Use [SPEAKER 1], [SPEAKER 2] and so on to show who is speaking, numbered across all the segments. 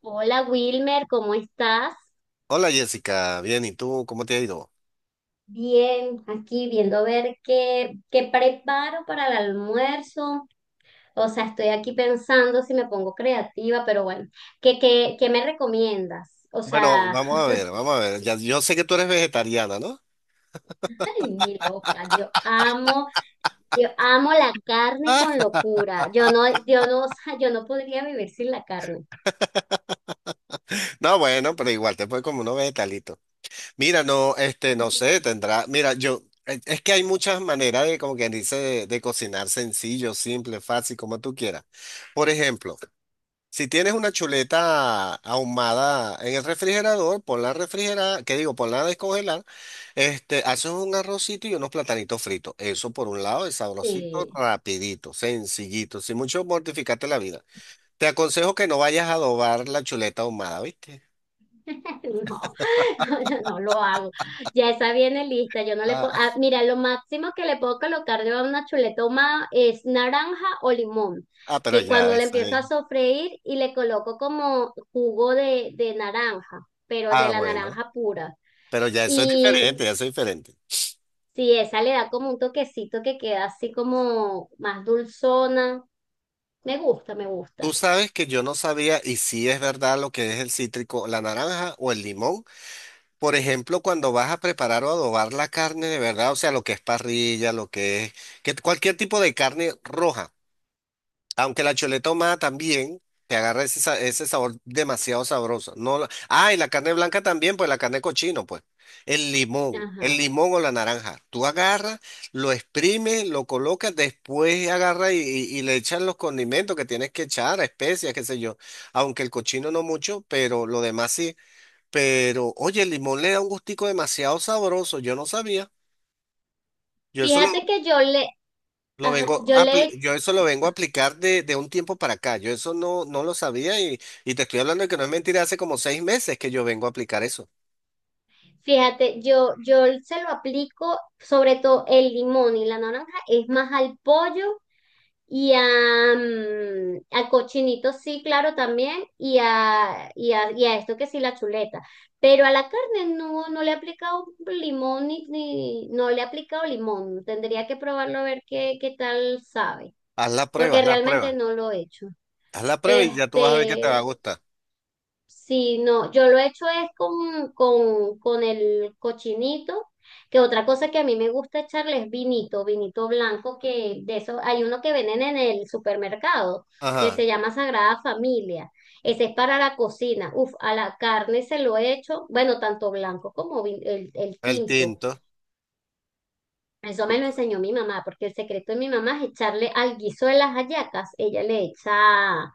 [SPEAKER 1] Hola Wilmer, ¿cómo estás?
[SPEAKER 2] Hola Jessica, bien, ¿y tú cómo te ha ido?
[SPEAKER 1] Bien, aquí viendo a ver qué preparo para el almuerzo. O sea, estoy aquí pensando si me pongo creativa, pero bueno, ¿qué me recomiendas? O
[SPEAKER 2] Bueno,
[SPEAKER 1] sea,
[SPEAKER 2] vamos a ver, vamos a ver. Ya, yo sé que tú eres vegetariana, ¿no?
[SPEAKER 1] ay, mi loca, yo amo la carne con locura. Yo no, yo no, o sea, yo no podría vivir sin la carne.
[SPEAKER 2] No, bueno, pero igual te puedes como unos vegetalitos. Mira, no, este, no sé, tendrá. Mira, yo, es que hay muchas maneras de, como quien dice, de cocinar sencillo, simple, fácil, como tú quieras. Por ejemplo, si tienes una chuleta ahumada en el refrigerador, ponla a refrigerar, ¿qué digo? Ponla a descongelar. Este, haces un arrocito y unos platanitos fritos. Eso por un lado es sabrosito,
[SPEAKER 1] Sí.
[SPEAKER 2] rapidito, sencillito, sin mucho mortificarte la vida. Te aconsejo que no vayas a adobar la chuleta ahumada, ¿viste?
[SPEAKER 1] No, no, no lo hago. Ya esa viene lista. Yo no le
[SPEAKER 2] Ah,
[SPEAKER 1] puedo. Ah, mira, lo máximo que le puedo colocar yo a una chuleta ahumada es naranja o limón.
[SPEAKER 2] ah, pero
[SPEAKER 1] Que
[SPEAKER 2] ya,
[SPEAKER 1] cuando le
[SPEAKER 2] eso
[SPEAKER 1] empiezo
[SPEAKER 2] es.
[SPEAKER 1] a sofreír y le coloco como jugo de naranja, pero
[SPEAKER 2] Ah,
[SPEAKER 1] de la
[SPEAKER 2] bueno,
[SPEAKER 1] naranja pura.
[SPEAKER 2] pero ya eso es
[SPEAKER 1] Y
[SPEAKER 2] diferente, ya eso es diferente.
[SPEAKER 1] si esa le da como un toquecito que queda así como más dulzona. Me gusta, me
[SPEAKER 2] Tú
[SPEAKER 1] gusta.
[SPEAKER 2] sabes que yo no sabía y si es verdad lo que es el cítrico, la naranja o el limón. Por ejemplo, cuando vas a preparar o adobar la carne de verdad, o sea, lo que es parrilla, lo que es, que cualquier tipo de carne roja. Aunque la chuleta choletoma también te agarra ese sabor demasiado sabroso. No, y la carne blanca también, pues la carne de cochino, pues. El
[SPEAKER 1] Ajá.
[SPEAKER 2] limón o la naranja. Tú agarras, lo exprimes, lo colocas, después agarras y le echas los condimentos que tienes que echar, especias, qué sé yo. Aunque el cochino no mucho, pero lo demás sí. Pero, oye, el limón le da un gustico demasiado sabroso. Yo no sabía. Yo solo
[SPEAKER 1] Fíjate que yo le,
[SPEAKER 2] lo
[SPEAKER 1] ajá,
[SPEAKER 2] vengo
[SPEAKER 1] yo
[SPEAKER 2] a apli-
[SPEAKER 1] le
[SPEAKER 2] yo eso lo vengo a aplicar de un tiempo para acá. Yo eso no lo sabía y te estoy hablando de que no es mentira, hace como 6 meses que yo vengo a aplicar eso.
[SPEAKER 1] Fíjate, yo se lo aplico sobre todo el limón y la naranja, es más al pollo y a, mm, al cochinito, sí, claro, también, y a esto que sí, la chuleta. Pero a la carne no, no le he aplicado limón ni, ni- no le he aplicado limón. Tendría que probarlo a ver qué tal sabe,
[SPEAKER 2] Haz la prueba,
[SPEAKER 1] porque
[SPEAKER 2] haz la
[SPEAKER 1] realmente
[SPEAKER 2] prueba.
[SPEAKER 1] no lo he hecho.
[SPEAKER 2] Haz la prueba y ya tú vas a ver que te va a
[SPEAKER 1] Este,
[SPEAKER 2] gustar.
[SPEAKER 1] sí, no, yo lo he hecho es con el cochinito, que otra cosa que a mí me gusta echarle es vinito, vinito blanco, que de eso hay uno que venden en el supermercado, que
[SPEAKER 2] Ajá,
[SPEAKER 1] se llama Sagrada Familia. Ese es para la cocina. Uf, a la carne se lo he hecho, bueno, tanto blanco como vin- el
[SPEAKER 2] el
[SPEAKER 1] tinto.
[SPEAKER 2] tinto,
[SPEAKER 1] Eso me lo enseñó mi mamá, porque el secreto de mi mamá es echarle al guiso de las hallacas, ella le echa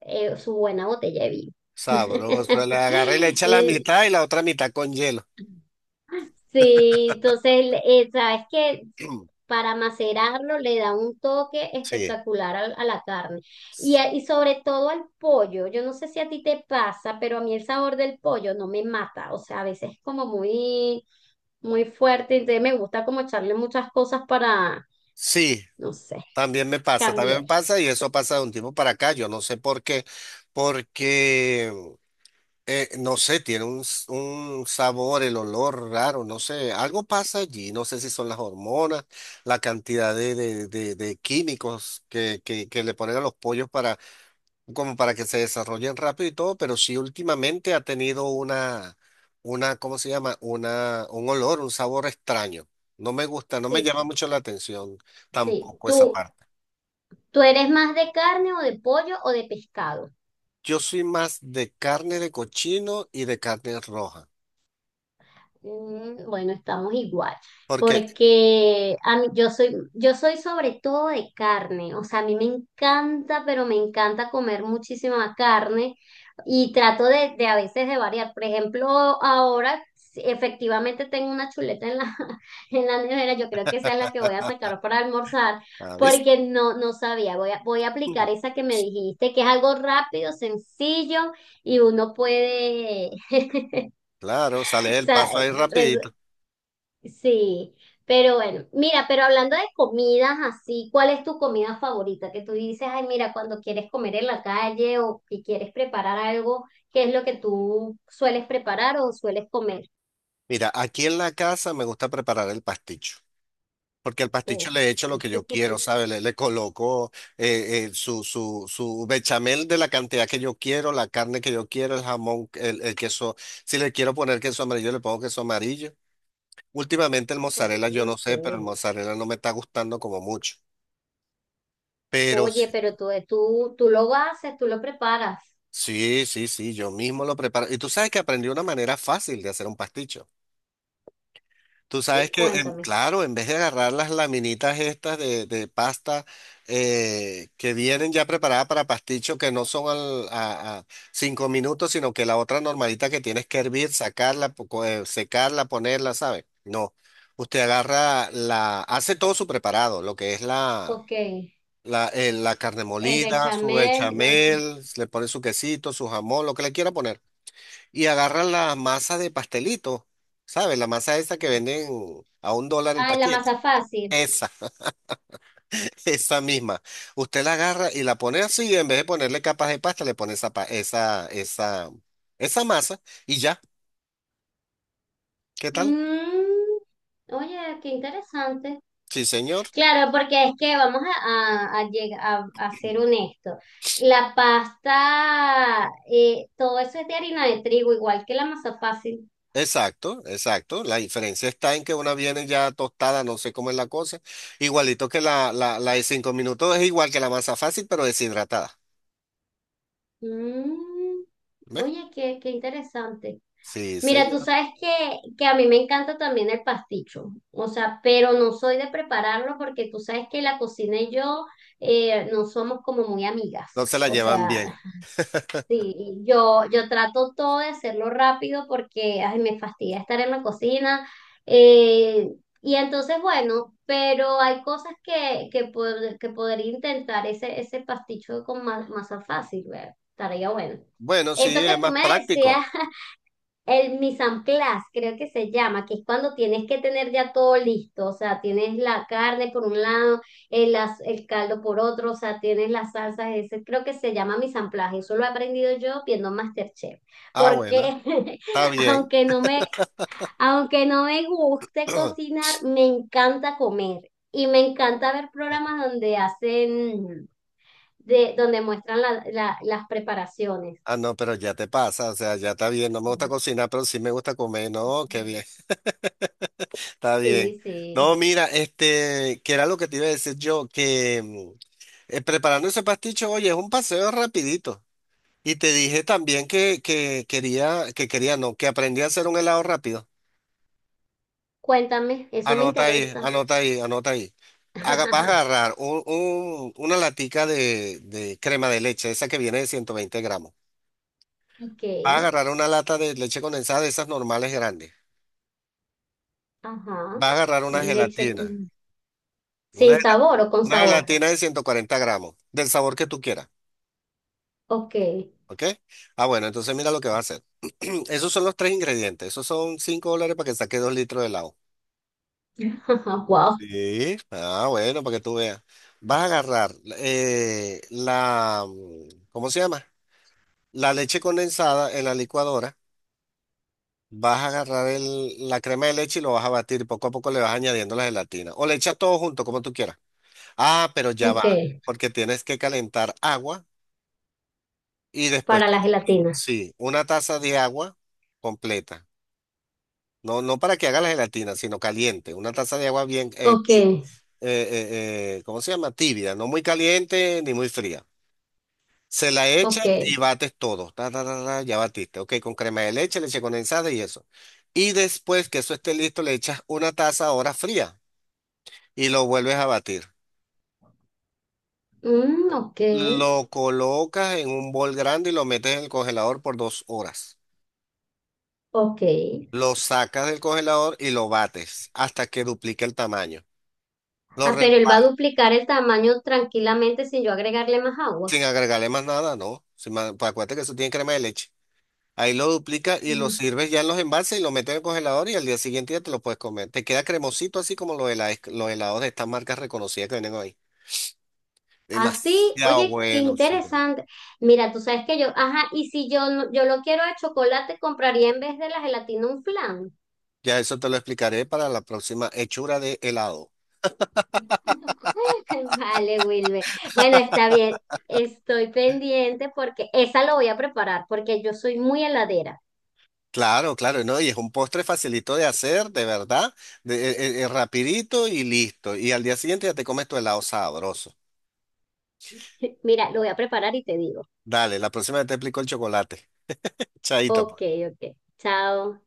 [SPEAKER 1] su buena botella de vino.
[SPEAKER 2] sabroso. Le agarra y le echa la
[SPEAKER 1] Eh,
[SPEAKER 2] mitad y la otra mitad con hielo.
[SPEAKER 1] sí, entonces, sabes que para macerarlo le da un toque
[SPEAKER 2] Sí,
[SPEAKER 1] espectacular al- a, la carne. Y, a- y sobre todo al pollo. Yo no sé si a ti te pasa, pero a mí el sabor del pollo no me mata. O sea, a veces es como muy, muy fuerte. Entonces me gusta como echarle muchas cosas para,
[SPEAKER 2] sí,
[SPEAKER 1] no sé,
[SPEAKER 2] también
[SPEAKER 1] cambiar.
[SPEAKER 2] me pasa y eso pasa de un tiempo para acá. Yo no sé por qué, porque. No sé, tiene un sabor, el olor raro, no sé, algo pasa allí, no sé si son las hormonas, la cantidad de químicos que le ponen a los pollos para, como para que se desarrollen rápido y todo, pero sí últimamente ha tenido una, ¿cómo se llama? Un olor, un sabor extraño. No me gusta, no me
[SPEAKER 1] Sí,
[SPEAKER 2] llama mucho la atención
[SPEAKER 1] sí.
[SPEAKER 2] tampoco esa
[SPEAKER 1] ¿Tú,
[SPEAKER 2] parte.
[SPEAKER 1] tú eres más de carne o de pollo o de pescado?
[SPEAKER 2] Yo soy más de carne de cochino y de carne roja,
[SPEAKER 1] Mm, bueno, estamos igual,
[SPEAKER 2] porque,
[SPEAKER 1] porque a mí- yo soy sobre todo de carne, o sea, a mí me encanta, pero me encanta comer muchísima carne y trato de a veces de variar. Por ejemplo, ahora sí, efectivamente tengo una chuleta en la, en la nevera, yo creo que esa es la que voy a sacar para almorzar,
[SPEAKER 2] ah, ¿viste?
[SPEAKER 1] porque no, no sabía, voy a aplicar esa que me dijiste, que es algo rápido, sencillo y uno puede...
[SPEAKER 2] Claro, sale
[SPEAKER 1] O
[SPEAKER 2] del
[SPEAKER 1] sea,
[SPEAKER 2] paso ahí rapidito.
[SPEAKER 1] sí, pero bueno, mira, pero hablando de comidas así, ¿cuál es tu comida favorita? Que tú dices, ay, mira, cuando quieres comer en la calle o que quieres preparar algo, ¿qué es lo que tú sueles preparar o sueles comer?
[SPEAKER 2] Mira, aquí en la casa me gusta preparar el pasticho, porque el pasticho
[SPEAKER 1] O-
[SPEAKER 2] le echo lo que yo quiero, ¿sabes? Le coloco su bechamel de la cantidad que yo quiero, la carne que yo quiero, el jamón, el queso. Si le quiero poner queso amarillo, le pongo queso amarillo. Últimamente el
[SPEAKER 1] ok.
[SPEAKER 2] mozzarella, yo no sé, pero el mozzarella no me está gustando como mucho. Pero
[SPEAKER 1] Oye,
[SPEAKER 2] sí,
[SPEAKER 1] pero tú lo haces, tú lo preparas.
[SPEAKER 2] sí, sí, sí, yo mismo lo preparo. Y tú sabes que aprendí una manera fácil de hacer un pasticho. Tú sabes
[SPEAKER 1] Sí,
[SPEAKER 2] que,
[SPEAKER 1] cuéntame.
[SPEAKER 2] claro, en vez de agarrar las laminitas estas de pasta que vienen ya preparadas para pasticho, que no son a 5 minutos, sino que la otra normalita que tienes que hervir, sacarla, secarla, ponerla, ¿sabes? No. Usted agarra hace todo su preparado, lo que es la,
[SPEAKER 1] Ok, el
[SPEAKER 2] la, eh, la carne molida, su
[SPEAKER 1] bechamel, es-
[SPEAKER 2] bechamel, le pone su quesito, su jamón, lo que le quiera poner y agarran la masa de pastelito, ¿sabes? La masa esa que venden a $1 el
[SPEAKER 1] ah, la
[SPEAKER 2] paquete.
[SPEAKER 1] masa fácil.
[SPEAKER 2] Esa, esa misma. Usted la agarra y la pone así, y en vez de ponerle capas de pasta, le pone esa, pa- esa masa y ya. ¿Qué tal?
[SPEAKER 1] Mm, oye, qué interesante.
[SPEAKER 2] Sí, señor.
[SPEAKER 1] Claro, porque es que vamos a lleg- a ser honestos. La pasta, todo eso es de harina de trigo, igual que la masa fácil.
[SPEAKER 2] Exacto, exacto. La diferencia está en que una viene ya tostada, no sé cómo es la cosa. Igualito que la de 5 minutos, es igual que la masa fácil, pero deshidratada.
[SPEAKER 1] Mm,
[SPEAKER 2] ¿Ves?
[SPEAKER 1] oye, qué interesante.
[SPEAKER 2] Sí,
[SPEAKER 1] Mira, tú
[SPEAKER 2] señor.
[SPEAKER 1] sabes que a mí me encanta también el pasticho, o sea, pero no soy de prepararlo porque tú sabes que la cocina y yo no somos como muy amigas.
[SPEAKER 2] Entonces la
[SPEAKER 1] O
[SPEAKER 2] llevan
[SPEAKER 1] sea,
[SPEAKER 2] bien.
[SPEAKER 1] sí, y yo trato todo de hacerlo rápido porque ay, me fastidia estar en la cocina. eh, y entonces, bueno, pero hay cosas pod- que podría intentar ese pasticho con ma- masa fácil, ver Estaría bueno.
[SPEAKER 2] Bueno, sí,
[SPEAKER 1] Eso que
[SPEAKER 2] es
[SPEAKER 1] tú
[SPEAKER 2] más
[SPEAKER 1] me decías
[SPEAKER 2] práctico.
[SPEAKER 1] el mise en place, creo que se llama, que es cuando tienes que tener ya todo listo, o sea, tienes la carne por un lado, el, as- el caldo por otro, o sea, tienes las salsas, ese creo que se llama mise en place, eso lo he aprendido yo viendo MasterChef,
[SPEAKER 2] Ah, bueno,
[SPEAKER 1] porque
[SPEAKER 2] está bien.
[SPEAKER 1] aunque no me, aunque no me guste cocinar, me encanta comer y me encanta ver programas donde hacen, de, donde muestran la- la- las preparaciones.
[SPEAKER 2] Ah, no, pero ya te pasa, o sea, ya está bien. No me gusta cocinar, pero sí me gusta comer. No, qué bien, está bien.
[SPEAKER 1] Sí,
[SPEAKER 2] No,
[SPEAKER 1] sí.
[SPEAKER 2] mira, este, que era lo que te iba a decir yo, que preparando ese pasticho, oye, es un paseo rapidito. Y te dije también que quería, no, que aprendí a hacer un helado rápido.
[SPEAKER 1] Cuéntame, eso me
[SPEAKER 2] Anota ahí,
[SPEAKER 1] interesa.
[SPEAKER 2] anota ahí, anota ahí. Haga, vas a agarrar una latica de crema de leche, esa que viene de 120 gramos.
[SPEAKER 1] Ok,
[SPEAKER 2] Va a agarrar una lata de leche condensada de esas normales grandes.
[SPEAKER 1] ajá.
[SPEAKER 2] Va a agarrar una
[SPEAKER 1] Leche
[SPEAKER 2] gelatina.
[SPEAKER 1] con-
[SPEAKER 2] Una,
[SPEAKER 1] sin
[SPEAKER 2] gel-
[SPEAKER 1] sabor o con
[SPEAKER 2] una
[SPEAKER 1] sabor.
[SPEAKER 2] gelatina de 140 gramos, del sabor que tú quieras.
[SPEAKER 1] Ok.
[SPEAKER 2] ¿Ok? Ah, bueno, entonces mira lo que va a hacer. Esos son los tres ingredientes. Esos son $5 para que saque 2 litros de helado.
[SPEAKER 1] Wow.
[SPEAKER 2] Sí. Ah, bueno, para que tú veas. Vas a agarrar ¿cómo se llama? La leche condensada en la licuadora. Vas a agarrar la crema de leche y lo vas a batir. Poco a poco le vas añadiendo la gelatina. O le echas todo junto, como tú quieras. Ah, pero ya va,
[SPEAKER 1] Ok.
[SPEAKER 2] porque tienes que calentar agua y después,
[SPEAKER 1] Para la gelatina.
[SPEAKER 2] sí, una taza de agua completa. No, no para que haga la gelatina, sino caliente. Una taza de agua bien,
[SPEAKER 1] Ok,
[SPEAKER 2] ¿cómo se llama? Tibia, no muy caliente ni muy fría. Se la echa
[SPEAKER 1] ok.
[SPEAKER 2] y bates todo. Ta, ta, ta, ta, ya batiste. Ok, con crema de leche, leche condensada y eso. Y después que eso esté listo, le echas una taza ahora fría y lo vuelves a batir.
[SPEAKER 1] Mm, ok,
[SPEAKER 2] Lo colocas en un bol grande y lo metes en el congelador por 2 horas.
[SPEAKER 1] ok.
[SPEAKER 2] Lo sacas del congelador y lo bates hasta que duplique el tamaño. Lo
[SPEAKER 1] Ah, pero él va a
[SPEAKER 2] repa-
[SPEAKER 1] duplicar el tamaño tranquilamente sin yo agregarle más agua.
[SPEAKER 2] sin agregarle más nada, ¿no? Sin más- Pues acuérdate que eso tiene crema de leche. Ahí lo duplica y lo
[SPEAKER 1] Mm.
[SPEAKER 2] sirves ya en los envases y lo metes en el congelador y al día siguiente ya te lo puedes comer. Te queda cremosito así como los helados de estas marcas reconocidas que vienen hoy.
[SPEAKER 1] Así,
[SPEAKER 2] Demasiado
[SPEAKER 1] oye, qué
[SPEAKER 2] bueno, sí.
[SPEAKER 1] interesante. Mira, tú sabes que yo, ajá, y si yo no- yo lo quiero de chocolate, compraría en vez de la gelatina un flan.
[SPEAKER 2] Ya eso te lo explicaré para la próxima hechura de helado.
[SPEAKER 1] Vale, Wilmer. Bueno, está bien. Estoy pendiente porque esa lo voy a preparar porque yo soy muy heladera.
[SPEAKER 2] Claro, claro, ¿no? Y es un postre facilito de hacer, de verdad, rapidito y listo. Y al día siguiente ya te comes tu helado sabroso.
[SPEAKER 1] Mira, lo voy a preparar y te digo.
[SPEAKER 2] Dale, la próxima vez te explico el chocolate. Chaito,
[SPEAKER 1] Ok,
[SPEAKER 2] pues.
[SPEAKER 1] ok. Chao.